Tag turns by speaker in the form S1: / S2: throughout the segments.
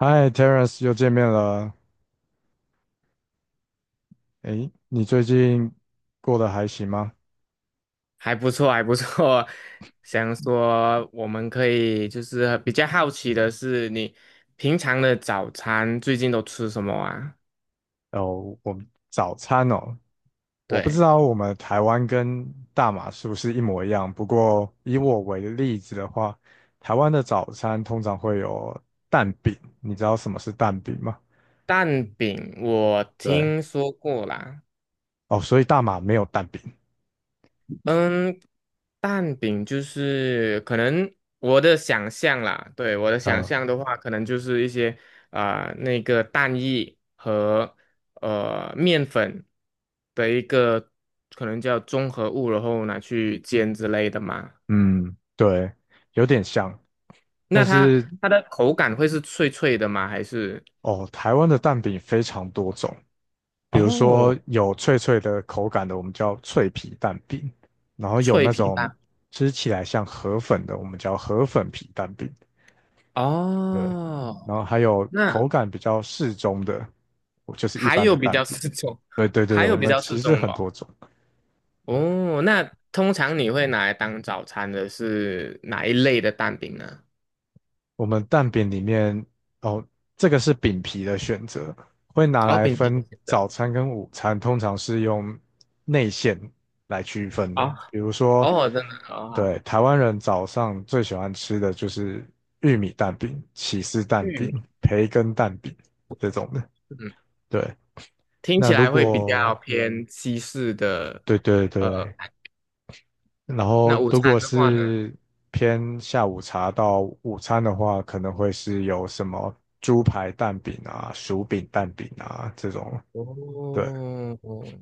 S1: 嗨，Terence，又见面了。诶，你最近过得还行吗？
S2: 还不错，还不错。想说我们可以比较好奇的是，你平常的早餐最近都吃什么啊？
S1: 哦，我们早餐哦，我不知
S2: 对，
S1: 道我们台湾跟大马是不是一模一样。不过以我为例子的话，台湾的早餐通常会有蛋饼，你知道什么是蛋饼吗？
S2: 蛋饼我
S1: 对，
S2: 听说过啦。
S1: 哦，所以大马没有蛋饼。
S2: 嗯，蛋饼就是可能我的想象啦，对，我的想
S1: 嗯
S2: 象的话，可能就是一些那个蛋液和面粉的一个可能叫综合物，然后拿去煎之类的嘛。
S1: 嗯，对，有点像，但
S2: 那它
S1: 是
S2: 它的口感会是脆脆的吗？还是
S1: 哦，台湾的蛋饼非常多种。比如说
S2: 哦
S1: 有脆脆的口感的，我们叫脆皮蛋饼，然后有
S2: 脆
S1: 那
S2: 皮
S1: 种
S2: 蛋？
S1: 吃起来像河粉的，我们叫河粉皮蛋饼，对，
S2: 哦，
S1: 然后还有
S2: 那
S1: 口感比较适中的，就是一
S2: 还
S1: 般的
S2: 有比
S1: 蛋
S2: 较
S1: 饼，
S2: 四种，
S1: 对对对，
S2: 还有
S1: 我
S2: 比
S1: 们
S2: 较四
S1: 其实
S2: 种
S1: 很
S2: 咯。
S1: 多种，对，
S2: 哦，那通常你会拿来当早餐的是哪一类的蛋饼呢？
S1: 我们蛋饼里面哦，这个是饼皮的选择，会拿
S2: 哦，
S1: 来
S2: 饼皮的
S1: 分
S2: 选择。
S1: 早餐跟午餐，通常是用内馅来区分的。
S2: 哦，
S1: 比如说，
S2: 哦，真的哦，好，
S1: 对，台湾人早上最喜欢吃的就是玉米蛋饼、起司蛋
S2: 玉
S1: 饼、
S2: 米，
S1: 培根蛋饼这种的。
S2: 嗯，
S1: 对，
S2: 听
S1: 那
S2: 起
S1: 如
S2: 来会比较
S1: 果
S2: 偏西式的。
S1: 对对
S2: 呃，
S1: 对，然后
S2: 那午
S1: 如果
S2: 餐的话呢？
S1: 是偏下午茶到午餐的话，可能会是有什么猪排蛋饼啊、薯饼蛋饼啊这种。对，
S2: 哦，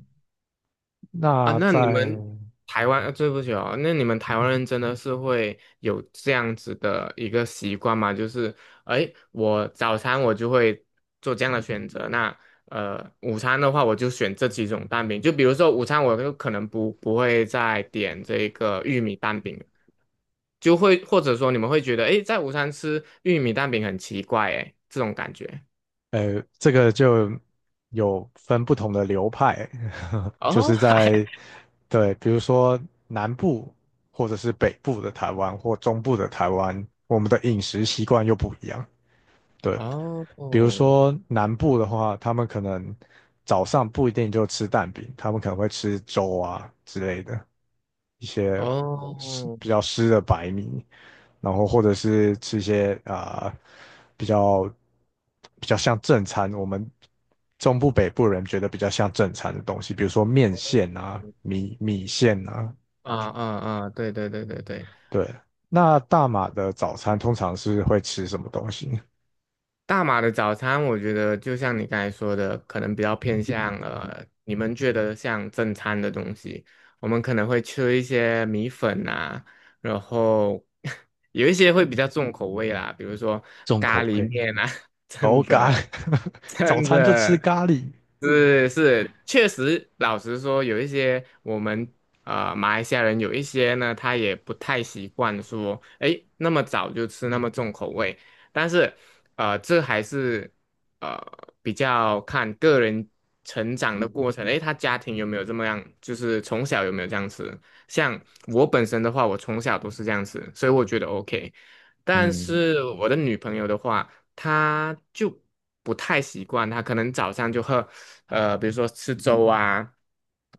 S2: 啊，
S1: 那
S2: 那你
S1: 在
S2: 们台湾，对不起哦，那你们台湾人真的是会有这样子的一个习惯吗？就是，哎，我早餐我就会做这样的选择，那午餐的话我就选这几种蛋饼，就比如说午餐我就可能不会再点这个玉米蛋饼了，就会或者说你们会觉得，哎，在午餐吃玉米蛋饼很奇怪，哎，这种感觉。
S1: 这个就有分不同的流派，就
S2: 哦，
S1: 是在对，比如说南部或者是北部的台湾或中部的台湾，我们的饮食习惯又不一样。对。
S2: 哦
S1: 比如
S2: 哦
S1: 说南部的话，他们可能早上不一定就吃蛋饼，他们可能会吃粥啊之类的，一些湿
S2: 哦。
S1: 比较湿的白米，然后或者是吃一些啊、比较比较像正餐，我们中部北部人觉得比较像正餐的东西，比如说面线啊、米米线啊，
S2: 啊啊啊！对对对对对，
S1: 对。那大马的早餐通常是会吃什么东西？
S2: 大马的早餐，我觉得就像你刚才说的，可能比较偏向你们觉得像正餐的东西，我们可能会吃一些米粉啊，然后 有一些会比较重口味啦，比如说
S1: 重
S2: 咖
S1: 口
S2: 喱
S1: 味。
S2: 面啊，真
S1: 哦，咖，
S2: 的
S1: 早
S2: 真
S1: 餐就吃
S2: 的，
S1: 咖喱
S2: 是是，确实，老实说，有一些我们马来西亚人有一些呢，他也不太习惯说，诶，那么早就吃那么重口味。但是，这还是呃比较看个人成长的过程，诶，他家庭有没有这么样，就是从小有没有这样吃。像我本身的话，我从小都是这样吃，所以我觉得 OK。但
S1: 嗯，
S2: 是我的女朋友的话，他就不太习惯，他可能早上就喝，比如说吃粥啊，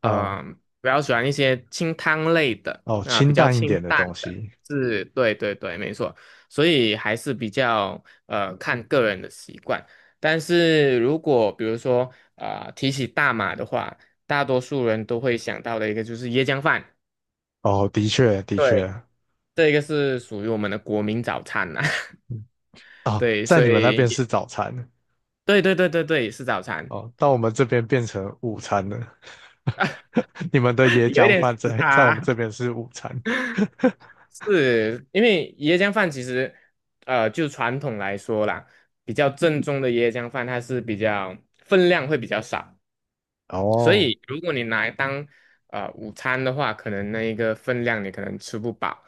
S1: 啊、
S2: 嗯、比较喜欢一些清汤类的
S1: 哦，
S2: 啊、比
S1: 清
S2: 较
S1: 淡一
S2: 清
S1: 点的
S2: 淡
S1: 东
S2: 的，
S1: 西。
S2: 是，对对对，没错，所以还是比较看个人的习惯。但是如果比如说提起大马的话，大多数人都会想到的一个就是椰浆饭，
S1: 哦，的确，的
S2: 对，
S1: 确，
S2: 这个是属于我们的国民早餐呐、
S1: 嗯哦，
S2: 对，
S1: 在
S2: 所
S1: 你们那边
S2: 以
S1: 是
S2: 也
S1: 早餐，
S2: 对对对对对，是早餐。
S1: 哦，到我们这边变成午餐了。你们的椰
S2: 有一
S1: 浆
S2: 点时
S1: 饭在我们这
S2: 差，
S1: 边是午餐。
S2: 是因为椰浆饭其实，就传统来说啦，比较正宗的椰浆饭，它是比较分量会比较少，所
S1: 哦，
S2: 以，如果你拿来当午餐的话，可能那一个分量你可能吃不饱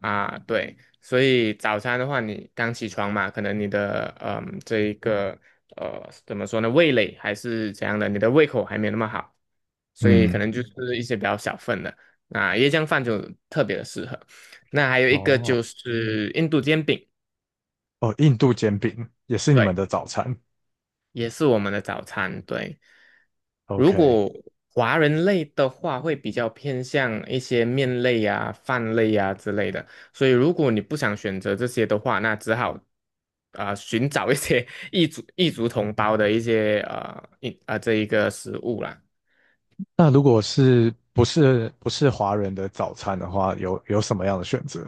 S2: 啊，对。所以早餐的话，你刚起床嘛，可能你的嗯这一个怎么说呢，味蕾还是怎样的，你的胃口还没那么好，所以可
S1: 嗯，
S2: 能就嗯是一些比较小份的。那椰浆饭就特别的适合。那还有一个
S1: 哦，
S2: 就是印度煎饼。
S1: 哦，印度煎饼也是你们
S2: 对。
S1: 的早餐。
S2: 也是我们的早餐。对，如
S1: OK，
S2: 果华人类的话，会比较偏向一些面类啊、饭类啊之类的。所以，如果你不想选择这些的话，那只好寻找一些 异族同胞的一些呃一啊、呃这一个食物啦。
S1: 那如果是不是华人的早餐的话，有什么样的选择？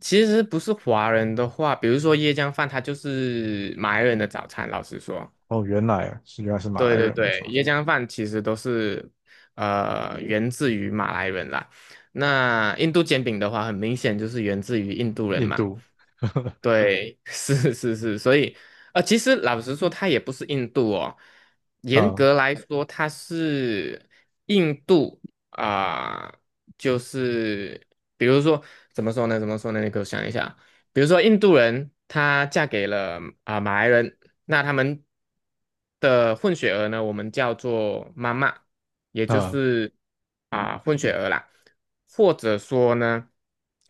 S2: 其实不是华人的话，比如说椰浆饭，它就是马来人的早餐。老实说，
S1: 哦，原来啊是原来是马
S2: 对
S1: 来
S2: 对
S1: 人，没
S2: 对，
S1: 错，
S2: 椰浆饭其实都是源自于马来人啦。那印度煎饼的话，很明显就是源自于印度人
S1: 印
S2: 嘛。
S1: 度，
S2: 对，是是是，所以其实老实说，它也不是印度哦，严
S1: 啊
S2: 格来说，它是印度啊、就是比如说怎么说呢？怎么说呢？你给我想一下，比如说印度人她嫁给了马来人，那他们的混血儿呢，我们叫做妈妈。也就
S1: 啊，
S2: 是混血儿啦，或者说呢，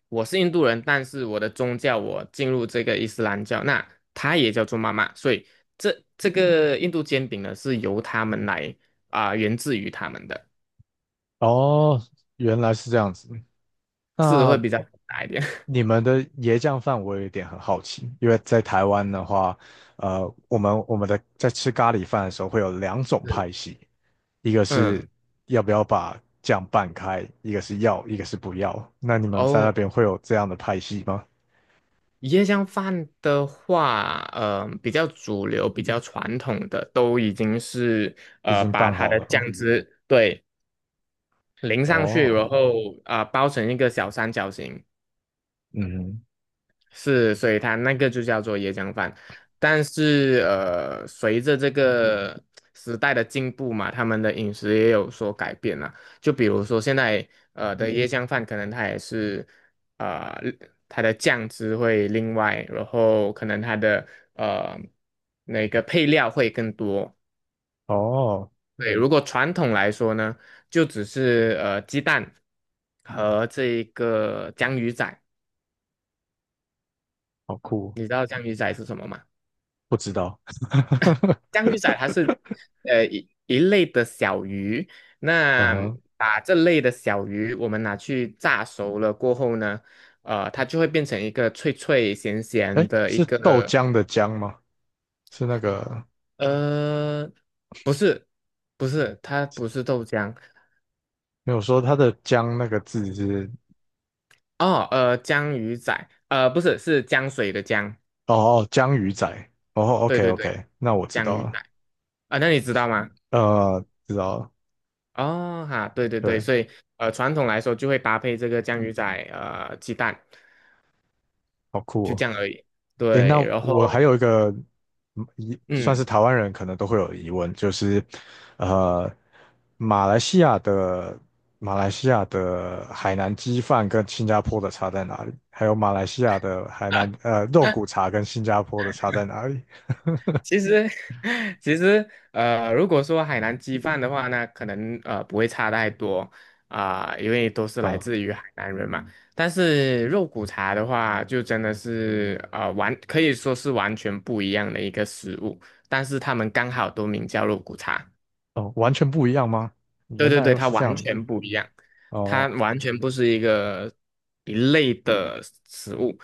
S2: 我是印度人，但是我的宗教我进入这个伊斯兰教，那他也叫做妈妈，所以这个印度煎饼呢是由他们来源自于他们的，
S1: 哦，原来是这样子。
S2: 是会
S1: 那
S2: 比较大一点。
S1: 你们的椰浆饭我有一点很好奇，因为在台湾的话，我们我们的在吃咖喱饭的时候会有两种
S2: 是，
S1: 派系，一个是
S2: 嗯，
S1: 要不要把酱拌开，一个是要，一个是不要。那你们在
S2: 哦，
S1: 那边会有这样的派系吗？
S2: 椰浆饭的话，嗯比较主流、比较传统的，都已经是
S1: 已经
S2: 把
S1: 拌
S2: 它
S1: 好
S2: 的
S1: 了
S2: 酱
S1: 吗？
S2: 汁对。淋上去，
S1: 哦，
S2: 然后包成一个小三角形，
S1: 嗯，
S2: 是，所以它那个就叫做椰浆饭。但是随着这个时代的进步嘛，他们的饮食也有所改变了。就比如说现在的椰浆饭，可能它也是呃它的酱汁会另外，然后可能它的呃那个配料会更多，
S1: 哼，哦，
S2: 对，如果传统来说呢，就只是鸡蛋和这一个江鱼仔，
S1: 好酷。
S2: 你知道江鱼仔是什么吗？
S1: 不知道。
S2: 江鱼仔它是 一类的小鱼，那
S1: 呃，
S2: 把这类的小鱼我们拿去炸熟了过后呢，它就会变成一个脆脆咸咸
S1: 哎，
S2: 的一
S1: 是豆
S2: 个
S1: 浆的浆吗？是那个
S2: 呃，不是不是，它不是豆浆
S1: 没有说它的浆那个字是
S2: 哦。江鱼仔，不是是江水的江。
S1: 哦哦，江鱼仔。哦
S2: 对
S1: ，OK
S2: 对对，
S1: OK，那我知
S2: 降
S1: 道
S2: 鱼仔
S1: 了。
S2: 啊，那你知道吗？
S1: 知道了。
S2: 哦哈，对对对，
S1: 对，
S2: 所以传统来说就会搭配这个酱鱼仔鸡蛋，
S1: 好酷
S2: 就这
S1: 哦。
S2: 样而已。
S1: 诶，那
S2: 对，然
S1: 我还
S2: 后
S1: 有一个疑，算是
S2: 嗯。
S1: 台湾人可能都会有疑问，就是，呃，马来西亚的马来西亚的海南鸡饭跟新加坡的差在哪里？还有马来西亚的海南肉骨茶跟新加坡的差在哪里？
S2: 其实，其实，如果说海南鸡饭的话呢，可能不会差太多因为都是来
S1: 呃，
S2: 自于海南人嘛。但是肉骨茶的话，就真的是可以说是完全不一样的一个食物，但是他们刚好都名叫肉骨茶。
S1: 哦，完全不一样吗？
S2: 对
S1: 原
S2: 对
S1: 来
S2: 对，
S1: 又
S2: 它
S1: 是这
S2: 完
S1: 样
S2: 全不一样，它
S1: 哦
S2: 完全不是一个一类的食物，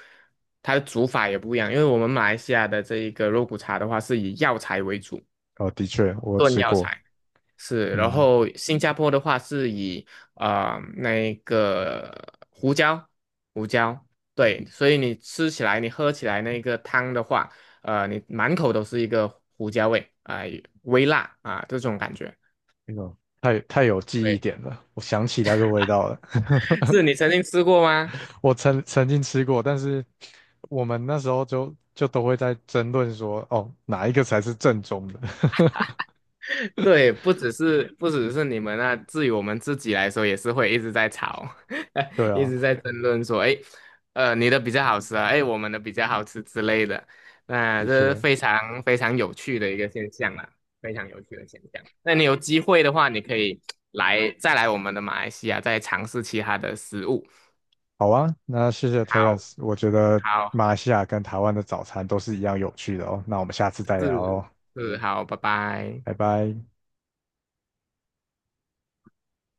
S2: 它的煮法也不一样。因为我们马来西亚的这一个肉骨茶的话，是以药材为主。
S1: 哦，的确我
S2: 炖
S1: 吃
S2: 药
S1: 过，
S2: 材。是，然
S1: 嗯，
S2: 后新加坡的话是以那个胡椒，胡椒，对，所以你吃起来，你喝起来那个汤的话，你满口都是一个胡椒味，啊、微辣啊、这种感觉。
S1: 那个太太有记忆
S2: 对，
S1: 点了，我想起那个味道了。
S2: 是你曾经吃过吗？
S1: 我曾经吃过，但是我们那时候就都会在争论说，哦，哪一个才是正宗的？
S2: 对，不只是你们啊，至于我们自己来说，也是会一直在吵，
S1: 对
S2: 一
S1: 啊，
S2: 直在争论说，哎，你的比较好吃啊，哎，我们的比较好吃之类的。那
S1: 的
S2: 这是
S1: 确，
S2: 非常非常有趣的一个现象啦，非常有趣的现象。那你有机会的话，你可以再来我们的马来西亚，再尝试其他的食物。
S1: 好啊，那谢谢
S2: 好，
S1: Terence，我觉得
S2: 好，
S1: 马来西亚跟台湾的早餐都是一样有趣的哦，那我们下次再聊
S2: 是
S1: 哦，
S2: 是，好，拜拜。
S1: 拜拜。